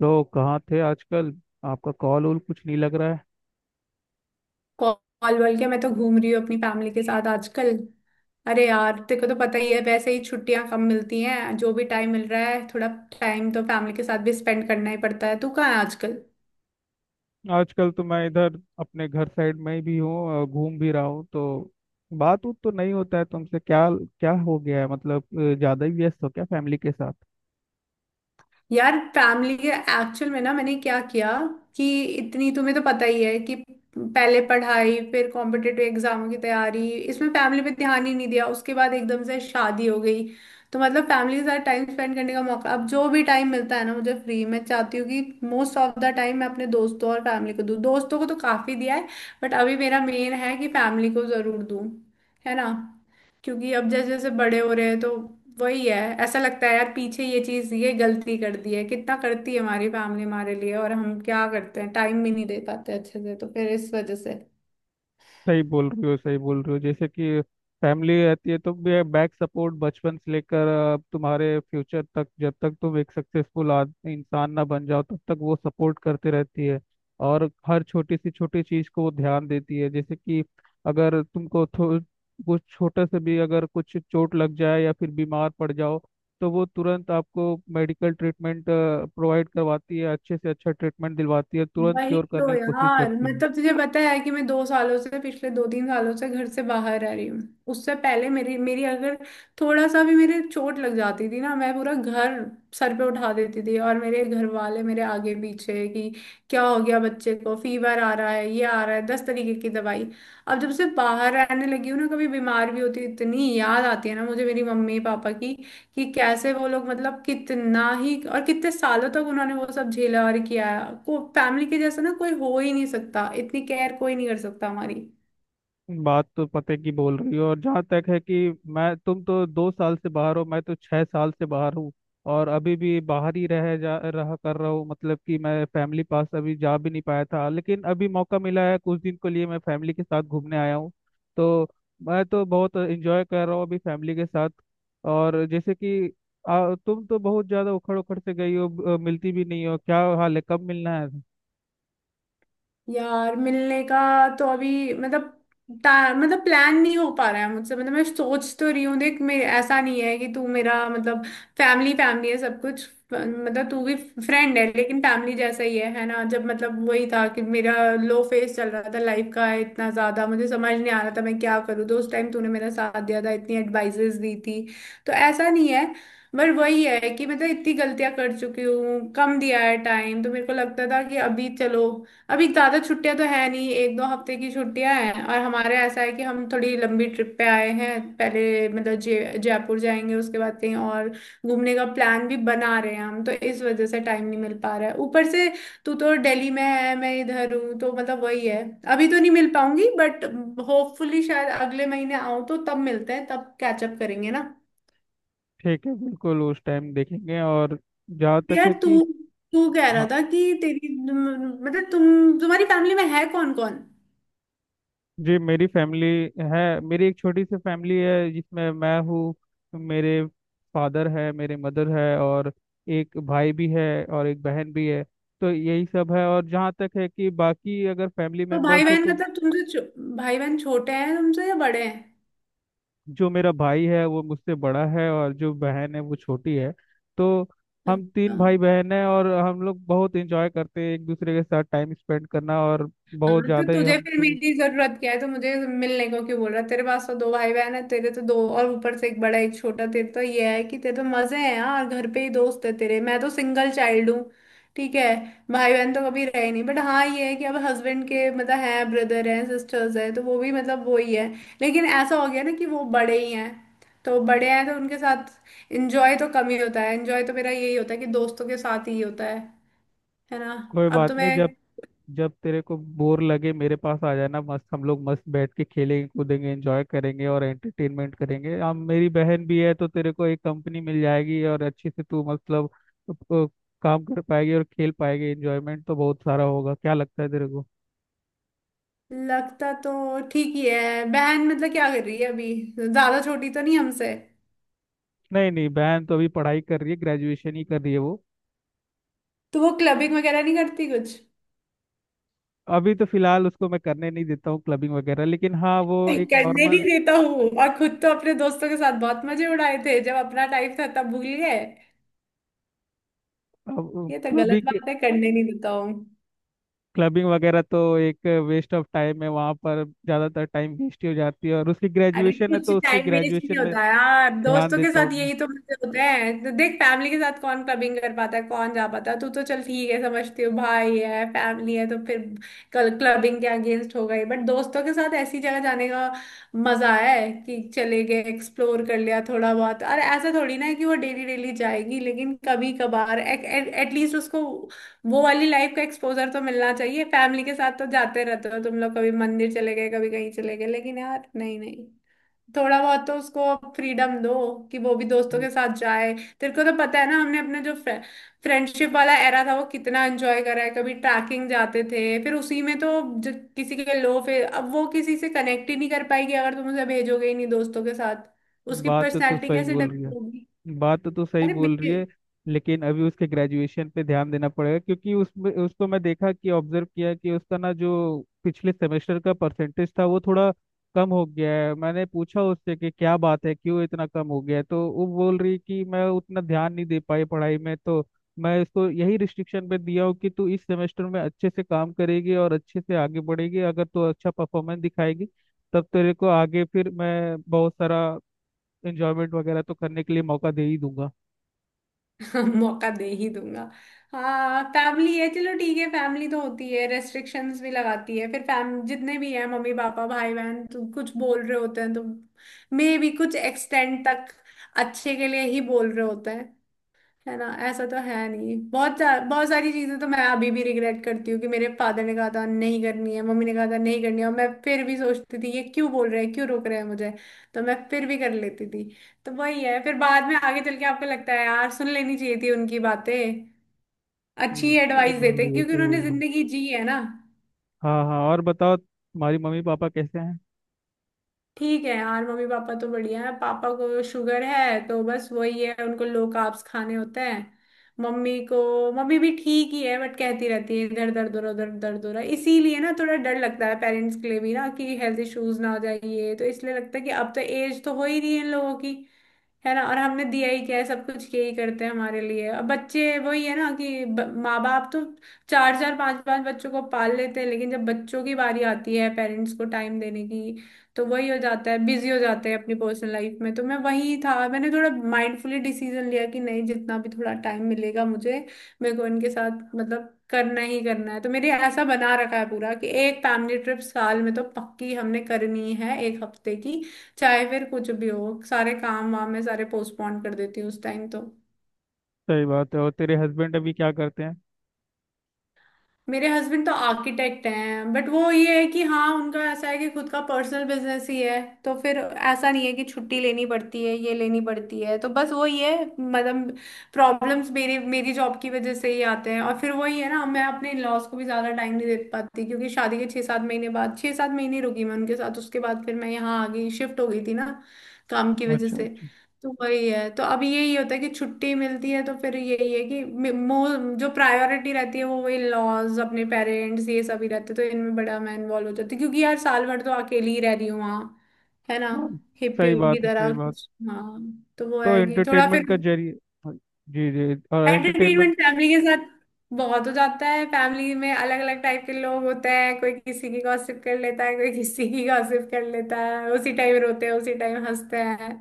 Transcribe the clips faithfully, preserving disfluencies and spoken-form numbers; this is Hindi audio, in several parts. तो कहाँ थे आजकल। आपका कॉल वॉल कुछ नहीं लग रहा है। कॉल वॉल के मैं तो घूम रही हूँ अपनी फैमिली के साथ आजकल। अरे यार तेरे को तो पता ही है वैसे ही छुट्टियां कम मिलती हैं, जो भी टाइम मिल रहा है थोड़ा टाइम तो फैमिली के साथ भी स्पेंड करना ही पड़ता है। तू कहाँ है आजकल? आजकल तो मैं इधर अपने घर साइड में ही भी हूँ और घूम भी रहा हूँ तो बात उत तो नहीं होता है तुमसे। क्या क्या हो गया है मतलब? अ, ज्यादा ही व्यस्त हो क्या फैमिली के साथ? यार फैमिली के एक्चुअल में ना मैंने क्या किया कि, इतनी तुम्हें तो पता ही है कि पहले पढ़ाई फिर कॉम्पिटेटिव एग्जामों की तैयारी, इसमें फैमिली पे ध्यान ही नहीं दिया, उसके बाद एकदम से शादी हो गई। तो मतलब फैमिली के साथ टाइम स्पेंड करने का मौका अब जो भी टाइम मिलता है ना मुझे फ्री, मैं चाहती हूँ कि मोस्ट ऑफ द टाइम मैं अपने दोस्तों और फैमिली को दूँ, दोस्तों को तो काफी दिया है बट अभी मेरा मेन है कि फैमिली को जरूर दूँ, है ना। क्योंकि अब जैसे जैसे बड़े हो रहे हैं तो वही है, ऐसा लगता है यार पीछे ये चीज ये गलती कर दी है, कितना करती है हमारी फैमिली हमारे लिए और हम क्या करते हैं, टाइम भी नहीं दे पाते अच्छे से, तो फिर इस वजह से। सही बोल रही हो, सही बोल रही हो। जैसे कि फैमिली रहती है तो भी बैक सपोर्ट, बचपन से लेकर अ, तुम्हारे फ्यूचर तक, जब तक तुम एक सक्सेसफुल इंसान ना बन जाओ तब तक वो सपोर्ट करते रहती है। और हर छोटी सी छोटी चीज को वो ध्यान देती है। जैसे कि अगर तुमको थो- कुछ छोटा से भी अगर कुछ चोट लग जाए या फिर बीमार पड़ जाओ तो वो तुरंत आपको मेडिकल ट्रीटमेंट प्रोवाइड करवाती है, अच्छे से अच्छा ट्रीटमेंट दिलवाती है, तुरंत वही क्योर तो करने की कोशिश यार करती है। मतलब तुझे पता है कि मैं दो सालों से, पिछले दो तीन सालों से घर से बाहर रह रही हूँ। उससे पहले मेरी मेरी अगर थोड़ा सा भी मेरे चोट लग जाती थी ना, मैं पूरा घर सर पे उठा देती थी, और मेरे घर वाले मेरे आगे पीछे कि क्या हो गया बच्चे को, फीवर आ रहा है ये आ रहा है, दस तरीके की दवाई। अब जब से बाहर रहने लगी हूँ ना, कभी बीमार भी होती हूँ, इतनी याद आती है ना मुझे मेरी मम्मी पापा की, कि कैसे वो लोग मतलब कितना ही और कितने सालों तक उन्होंने वो सब झेला और किया। को फैमिली के जैसा ना कोई हो ही नहीं सकता, इतनी केयर कोई नहीं कर सकता हमारी। बात तो पते की बोल रही हो। और जहाँ तक है कि मैं, तुम तो दो साल से बाहर हो, मैं तो छह साल से बाहर हूँ और अभी भी बाहर ही रह जा रहा कर रहा हूँ मतलब कि मैं फैमिली पास अभी जा भी नहीं पाया था, लेकिन अभी मौका मिला है कुछ दिन के लिए, मैं फैमिली के साथ घूमने आया हूँ। तो मैं तो बहुत एंजॉय कर रहा हूँ अभी फैमिली के साथ। और जैसे कि आ, तुम तो बहुत ज़्यादा उखड़ उखड़ से गई हो। अ, मिलती भी नहीं हो, क्या हाल है, कब मिलना है? यार मिलने का तो अभी मतलब ता- मतलब प्लान नहीं हो पा रहा है मुझसे, मतलब मैं सोच तो रही हूँ, देख मेरे ऐसा नहीं है कि तू मेरा मतलब, फैमिली फैमिली है सब कुछ, फ- मतलब तू भी फ्रेंड है लेकिन फैमिली जैसा ही है है ना। जब मतलब वही था कि मेरा लो फेस चल रहा था लाइफ का, इतना ज्यादा मुझे समझ नहीं आ रहा था मैं क्या करूँ, तो उस टाइम तूने मेरा साथ दिया था, इतनी एडवाइजेस दी थी, तो ऐसा नहीं है। पर वही है कि मतलब इतनी गलतियां कर चुकी हूँ, कम दिया है टाइम, तो मेरे को लगता था कि अभी चलो, अभी ज्यादा छुट्टियां तो है नहीं, एक दो हफ्ते की छुट्टियां हैं और हमारे ऐसा है कि हम थोड़ी लंबी ट्रिप पे आए हैं। पहले मतलब जय जयपुर जाएंगे उसके बाद कहीं और घूमने का प्लान भी बना रहे हैं हम, तो इस वजह से टाइम नहीं मिल पा रहा है ऊपर से। तू तो दिल्ली में है मैं इधर हूँ, तो मतलब वही है, अभी तो नहीं मिल पाऊंगी, बट होपफुली शायद अगले महीने आऊँ, तो तब मिलते हैं तब कैचअप करेंगे ना। ठीक है, बिल्कुल, उस टाइम देखेंगे। और जहाँ तक यार है तू कि तू कह रहा हाँ था कि तेरी मतलब तुम तुम्हारी फैमिली में है कौन कौन? जी, मेरी फैमिली है, मेरी एक छोटी सी फैमिली है जिसमें मैं हूँ, मेरे फादर है, मेरे मदर है और एक भाई भी है और एक बहन भी है। तो यही सब है। और जहाँ तक है कि बाकी अगर फैमिली तो भाई मेम्बर्स हो बहन तो मतलब तुमसे छो- भाई बहन छोटे हैं तुमसे या बड़े हैं? जो मेरा भाई है वो मुझसे बड़ा है और जो बहन है वो छोटी है। तो हम अच्छा, तीन भाई बहन हैं और हम लोग बहुत इंजॉय करते हैं एक दूसरे के साथ टाइम स्पेंड करना, और हाँ बहुत तो ज़्यादा ही तुझे हम फिर तुम। मेरी जरूरत क्या है, तो मुझे मिलने को क्यों बोल रहा है? तेरे पास तो दो भाई बहन है, तेरे तो दो और ऊपर से एक बड़ा एक छोटा, तेरे तो ये है कि तेरे तो मजे हैं यार, घर पे ही दोस्त है तेरे, मैं तो सिंगल चाइल्ड हूँ। ठीक है, भाई बहन तो कभी रहे नहीं, बट हाँ ये है कि अब हस्बैंड के मतलब हैं, ब्रदर हैं सिस्टर्स हैं, तो वो भी मतलब वो ही है। लेकिन ऐसा हो गया ना कि वो बड़े ही हैं, तो बड़े हैं तो उनके साथ एंजॉय तो कम ही होता है, एंजॉय तो मेरा यही होता है कि दोस्तों के साथ ही होता है है ना। कोई अब तो बात मैं, नहीं। जब जब तेरे को बोर लगे मेरे पास आ जाना, मस्त हम लोग मस्त बैठ के खेलेंगे, कूदेंगे, एंजॉय करेंगे और एंटरटेनमेंट करेंगे हम। मेरी बहन भी है तो तेरे को एक कंपनी मिल जाएगी और अच्छे से तू मतलब अ, काम कर पाएगी और खेल पाएगी, एंजॉयमेंट तो बहुत सारा होगा। क्या लगता है तेरे को? लगता तो ठीक ही है। बहन मतलब क्या कर रही है अभी, ज्यादा छोटी तो नहीं हमसे? नहीं नहीं, बहन तो अभी पढ़ाई कर रही है, ग्रेजुएशन ही कर रही है वो। तो वो क्लबिंग वगैरह नहीं करती कुछ? अभी तो फिलहाल उसको मैं करने नहीं देता हूँ क्लबिंग वगैरह, लेकिन हाँ वो एक करने नहीं नॉर्मल देता हूँ, और खुद तो अपने दोस्तों के साथ बहुत मजे उड़ाए थे जब अपना टाइम था, तब भूल गए। ये तो गलत क्लबिंग। बात है करने नहीं देता हूँ। क्लबिंग वगैरह तो एक वेस्ट ऑफ टाइम है, वहाँ पर ज़्यादातर टाइम वेस्ट ही हो जाती है। और उसकी अरे ग्रेजुएशन है कुछ तो उसकी टाइम वेस्ट नहीं ग्रेजुएशन में होता यार ध्यान दोस्तों के देता साथ, हूँ यही तो मजे होते हैं, तो देख फैमिली के साथ कौन क्लबिंग कर पाता है, कौन जा पाता है, तू तो चल ठीक है समझती हो, भाई है फैमिली है तो फिर कल क्लबिंग के अगेंस्ट हो गई, बट दोस्तों के साथ ऐसी जगह जाने का मजा है कि चले गए एक्सप्लोर कर लिया थोड़ा बहुत। अरे ऐसा थोड़ी ना है कि वो डेली डेली जाएगी, लेकिन कभी कभार एटलीस्ट उसको वो वाली लाइफ का एक्सपोजर तो मिलना चाहिए, फैमिली के साथ तो जाते रहते हो तुम लोग कभी मंदिर चले गए कभी कहीं चले गए, लेकिन यार नहीं नहीं, थोड़ा बहुत तो उसको फ्रीडम दो कि वो भी दोस्तों मैं। के साथ जाए। तेरे को तो पता है ना हमने अपने जो फ्रेंडशिप वाला एरा था वो कितना एंजॉय करा है, कभी ट्रैकिंग जाते थे फिर उसी में तो ज- किसी के लो, फिर अब वो किसी से कनेक्ट ही नहीं कर पाएगी अगर तुम उसे भेजोगे ही नहीं दोस्तों के साथ, उसकी बात तो तू पर्सनैलिटी सही कैसे बोल रही डेवलप है, होगी? बात तो तू सही अरे बोल रही है। लेकिन अभी उसके ग्रेजुएशन पे ध्यान देना पड़ेगा, क्योंकि उसमें उसको मैं देखा कि ऑब्जर्व किया कि उसका ना जो पिछले सेमेस्टर का परसेंटेज था वो थोड़ा कम हो गया है। मैंने पूछा उससे कि क्या बात है, क्यों इतना कम हो गया है, तो वो बोल रही कि मैं उतना ध्यान नहीं दे पाई पढ़ाई में। तो मैं इसको यही रिस्ट्रिक्शन पे दिया हूँ कि तू इस सेमेस्टर में अच्छे से काम करेगी और अच्छे से आगे बढ़ेगी। अगर तू अच्छा परफॉर्मेंस दिखाएगी तब तेरे को आगे फिर मैं बहुत सारा एंजॉयमेंट वगैरह तो करने के लिए मौका दे ही दूंगा। मौका दे ही दूंगा। हाँ फैमिली है, चलो ठीक है, फैमिली तो होती है रेस्ट्रिक्शंस भी लगाती है, फिर फैम जितने भी हैं मम्मी पापा भाई बहन, तो कुछ बोल रहे होते हैं तो मे भी कुछ एक्सटेंड तक अच्छे के लिए ही बोल रहे होते हैं, है ना। ऐसा तो है नहीं, बहुत सा- बहुत सारी चीजें तो मैं अभी भी रिग्रेट करती हूँ कि मेरे फादर ने कहा था नहीं करनी है, मम्मी ने कहा था नहीं करनी है, और मैं फिर भी सोचती थी ये क्यों बोल रहे हैं क्यों रोक रहे हैं मुझे, तो मैं फिर भी कर लेती थी। तो वही है फिर बाद में आगे चल के आपको लगता है यार सुन लेनी चाहिए थी उनकी बातें, अच्छी हम्म, सही एडवाइस बोल देते रहे हो, क्योंकि सही बोल उन्होंने रहे हो। जिंदगी जी है ना। हाँ हाँ, और बताओ तुम्हारी मम्मी पापा कैसे हैं? ठीक है यार, मम्मी पापा तो बढ़िया है, पापा को शुगर है तो बस वही है उनको लो कार्ब्स खाने होते हैं, मम्मी को, मम्मी भी ठीक ही है बट कहती रहती है इधर दर्द हो रहा उधर दर्द हो रहा, इसीलिए ना थोड़ा डर लगता है पेरेंट्स के लिए भी ना कि हेल्थ इश्यूज ना हो जाए, ये तो इसलिए लगता है कि अब तो एज तो हो ही रही है इन लोगों की, है ना। और हमने दिया ही क्या है, सब कुछ यही करते हैं हमारे लिए, अब बच्चे वही है ना कि ब- माँ बाप तो चार चार पांच पांच बच्चों को पाल लेते हैं लेकिन जब बच्चों की बारी आती है पेरेंट्स को टाइम देने की तो वही हो जाता है, बिजी हो जाते हैं अपनी पर्सनल लाइफ में। तो मैं वही था मैंने थोड़ा माइंडफुली डिसीजन लिया कि नहीं, जितना भी थोड़ा टाइम मिलेगा मुझे, मेरे को इनके साथ मतलब करना ही करना है, तो मेरे ऐसा बना रखा है पूरा कि एक फैमिली ट्रिप साल में तो पक्की हमने करनी है एक हफ्ते की, चाहे फिर कुछ भी हो, सारे काम वाम मैं सारे पोस्टपोन कर देती हूँ उस टाइम तो। सही बात है। और तेरे हस्बैंड अभी क्या करते हैं? मेरे हस्बैंड तो आर्किटेक्ट हैं, बट वो ये है कि हाँ, उनका ऐसा है कि खुद का पर्सनल बिजनेस ही है, तो फिर ऐसा नहीं है कि छुट्टी लेनी पड़ती है ये लेनी पड़ती है, तो बस वो ये है मतलब प्रॉब्लम्स मेरे मेरी जॉब की वजह से ही आते हैं। और फिर वही है ना मैं अपने लॉस को भी ज़्यादा टाइम नहीं दे पाती, क्योंकि शादी के छः सात महीने बाद, छः सात महीने रुकी मैं उनके साथ, उसके बाद फिर मैं यहाँ आ गई शिफ्ट हो गई थी ना काम की वजह अच्छा से। अच्छा। तो वही है, तो अभी यही होता है कि छुट्टी मिलती है तो फिर यही है कि मे- मो जो प्रायोरिटी रहती है वो वही लॉज अपने पेरेंट्स ये सभी रहते, तो इनमें बड़ा मैं इन्वॉल्व हो जाती हूँ। क्योंकि यार साल भर तो अकेली ही रह रही हूँ वहाँ, है ना, हाँ, हिप्पी सही की बात है, सही तरह बात। कुछ। हाँ तो वो तो है कि थोड़ा फिर एंटरटेनमेंट का जरिए हाँ, जी जी, और एंटरटेनमेंट। एंटरटेनमेंट फैमिली के साथ बहुत हो जाता है, फैमिली में अलग अलग टाइप के लोग होते हैं, कोई किसी की गॉसिप कर लेता है कोई किसी की गॉसिप कर लेता है, उसी टाइम रोते हैं उसी टाइम हंसते हैं,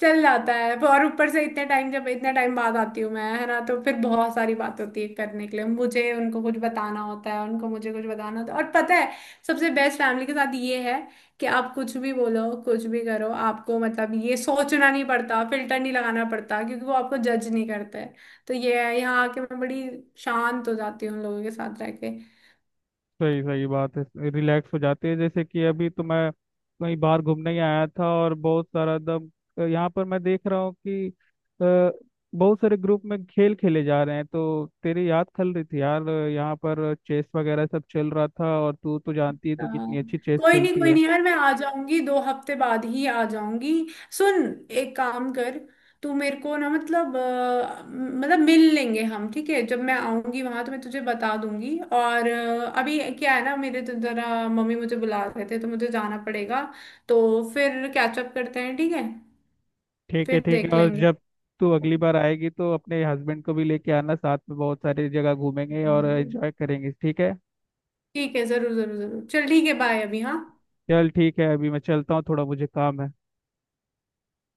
चल जाता है। पर और ऊपर से इतने टाइम, जब इतने टाइम बाद आती हूँ मैं है ना, तो फिर बहुत सारी बात होती है करने के लिए, मुझे उनको कुछ बताना होता है उनको मुझे कुछ बताना होता है। और पता है सबसे बेस्ट फैमिली के साथ ये है कि आप कुछ भी बोलो कुछ भी करो आपको मतलब ये सोचना नहीं पड़ता, फिल्टर नहीं लगाना पड़ता क्योंकि वो आपको जज नहीं करते। तो ये है यहाँ आके मैं बड़ी शांत हो जाती हूँ उन लोगों के साथ रह के। सही सही बात है, रिलैक्स हो जाते हैं। जैसे कि अभी तो मैं कहीं बाहर घूमने ही आया था और बहुत सारा एकदम, यहाँ पर मैं देख रहा हूँ कि अ, बहुत सारे ग्रुप में खेल खेले जा रहे हैं, तो तेरी याद खल रही थी यार। यहाँ पर चेस वगैरह सब चल रहा था, और तू तो जानती है तू कितनी हाँ, अच्छी चेस कोई नहीं खेलती कोई है। नहीं यार, मैं आ जाऊंगी दो हफ्ते बाद ही आ जाऊंगी। सुन एक काम कर, तू मेरे को ना मतलब अ, मतलब मिल लेंगे हम, ठीक है, जब मैं आऊंगी वहां तो मैं तुझे बता दूंगी, और अ, अभी क्या है ना मेरे तो जरा मम्मी मुझे बुला रहे थे तो मुझे जाना पड़ेगा, तो फिर कैचअप करते हैं ठीक है, ठीक है फिर ठीक है। देख और लेंगे। जब तू अगली बार आएगी तो अपने हस्बैंड को भी लेके आना साथ में, बहुत सारी जगह घूमेंगे और एंजॉय करेंगे, ठीक है। ठीक है जरूर जरूर जरूर, चल ठीक है, बाय अभी हाँ। चल ठीक है, अभी मैं चलता हूँ, थोड़ा मुझे काम है।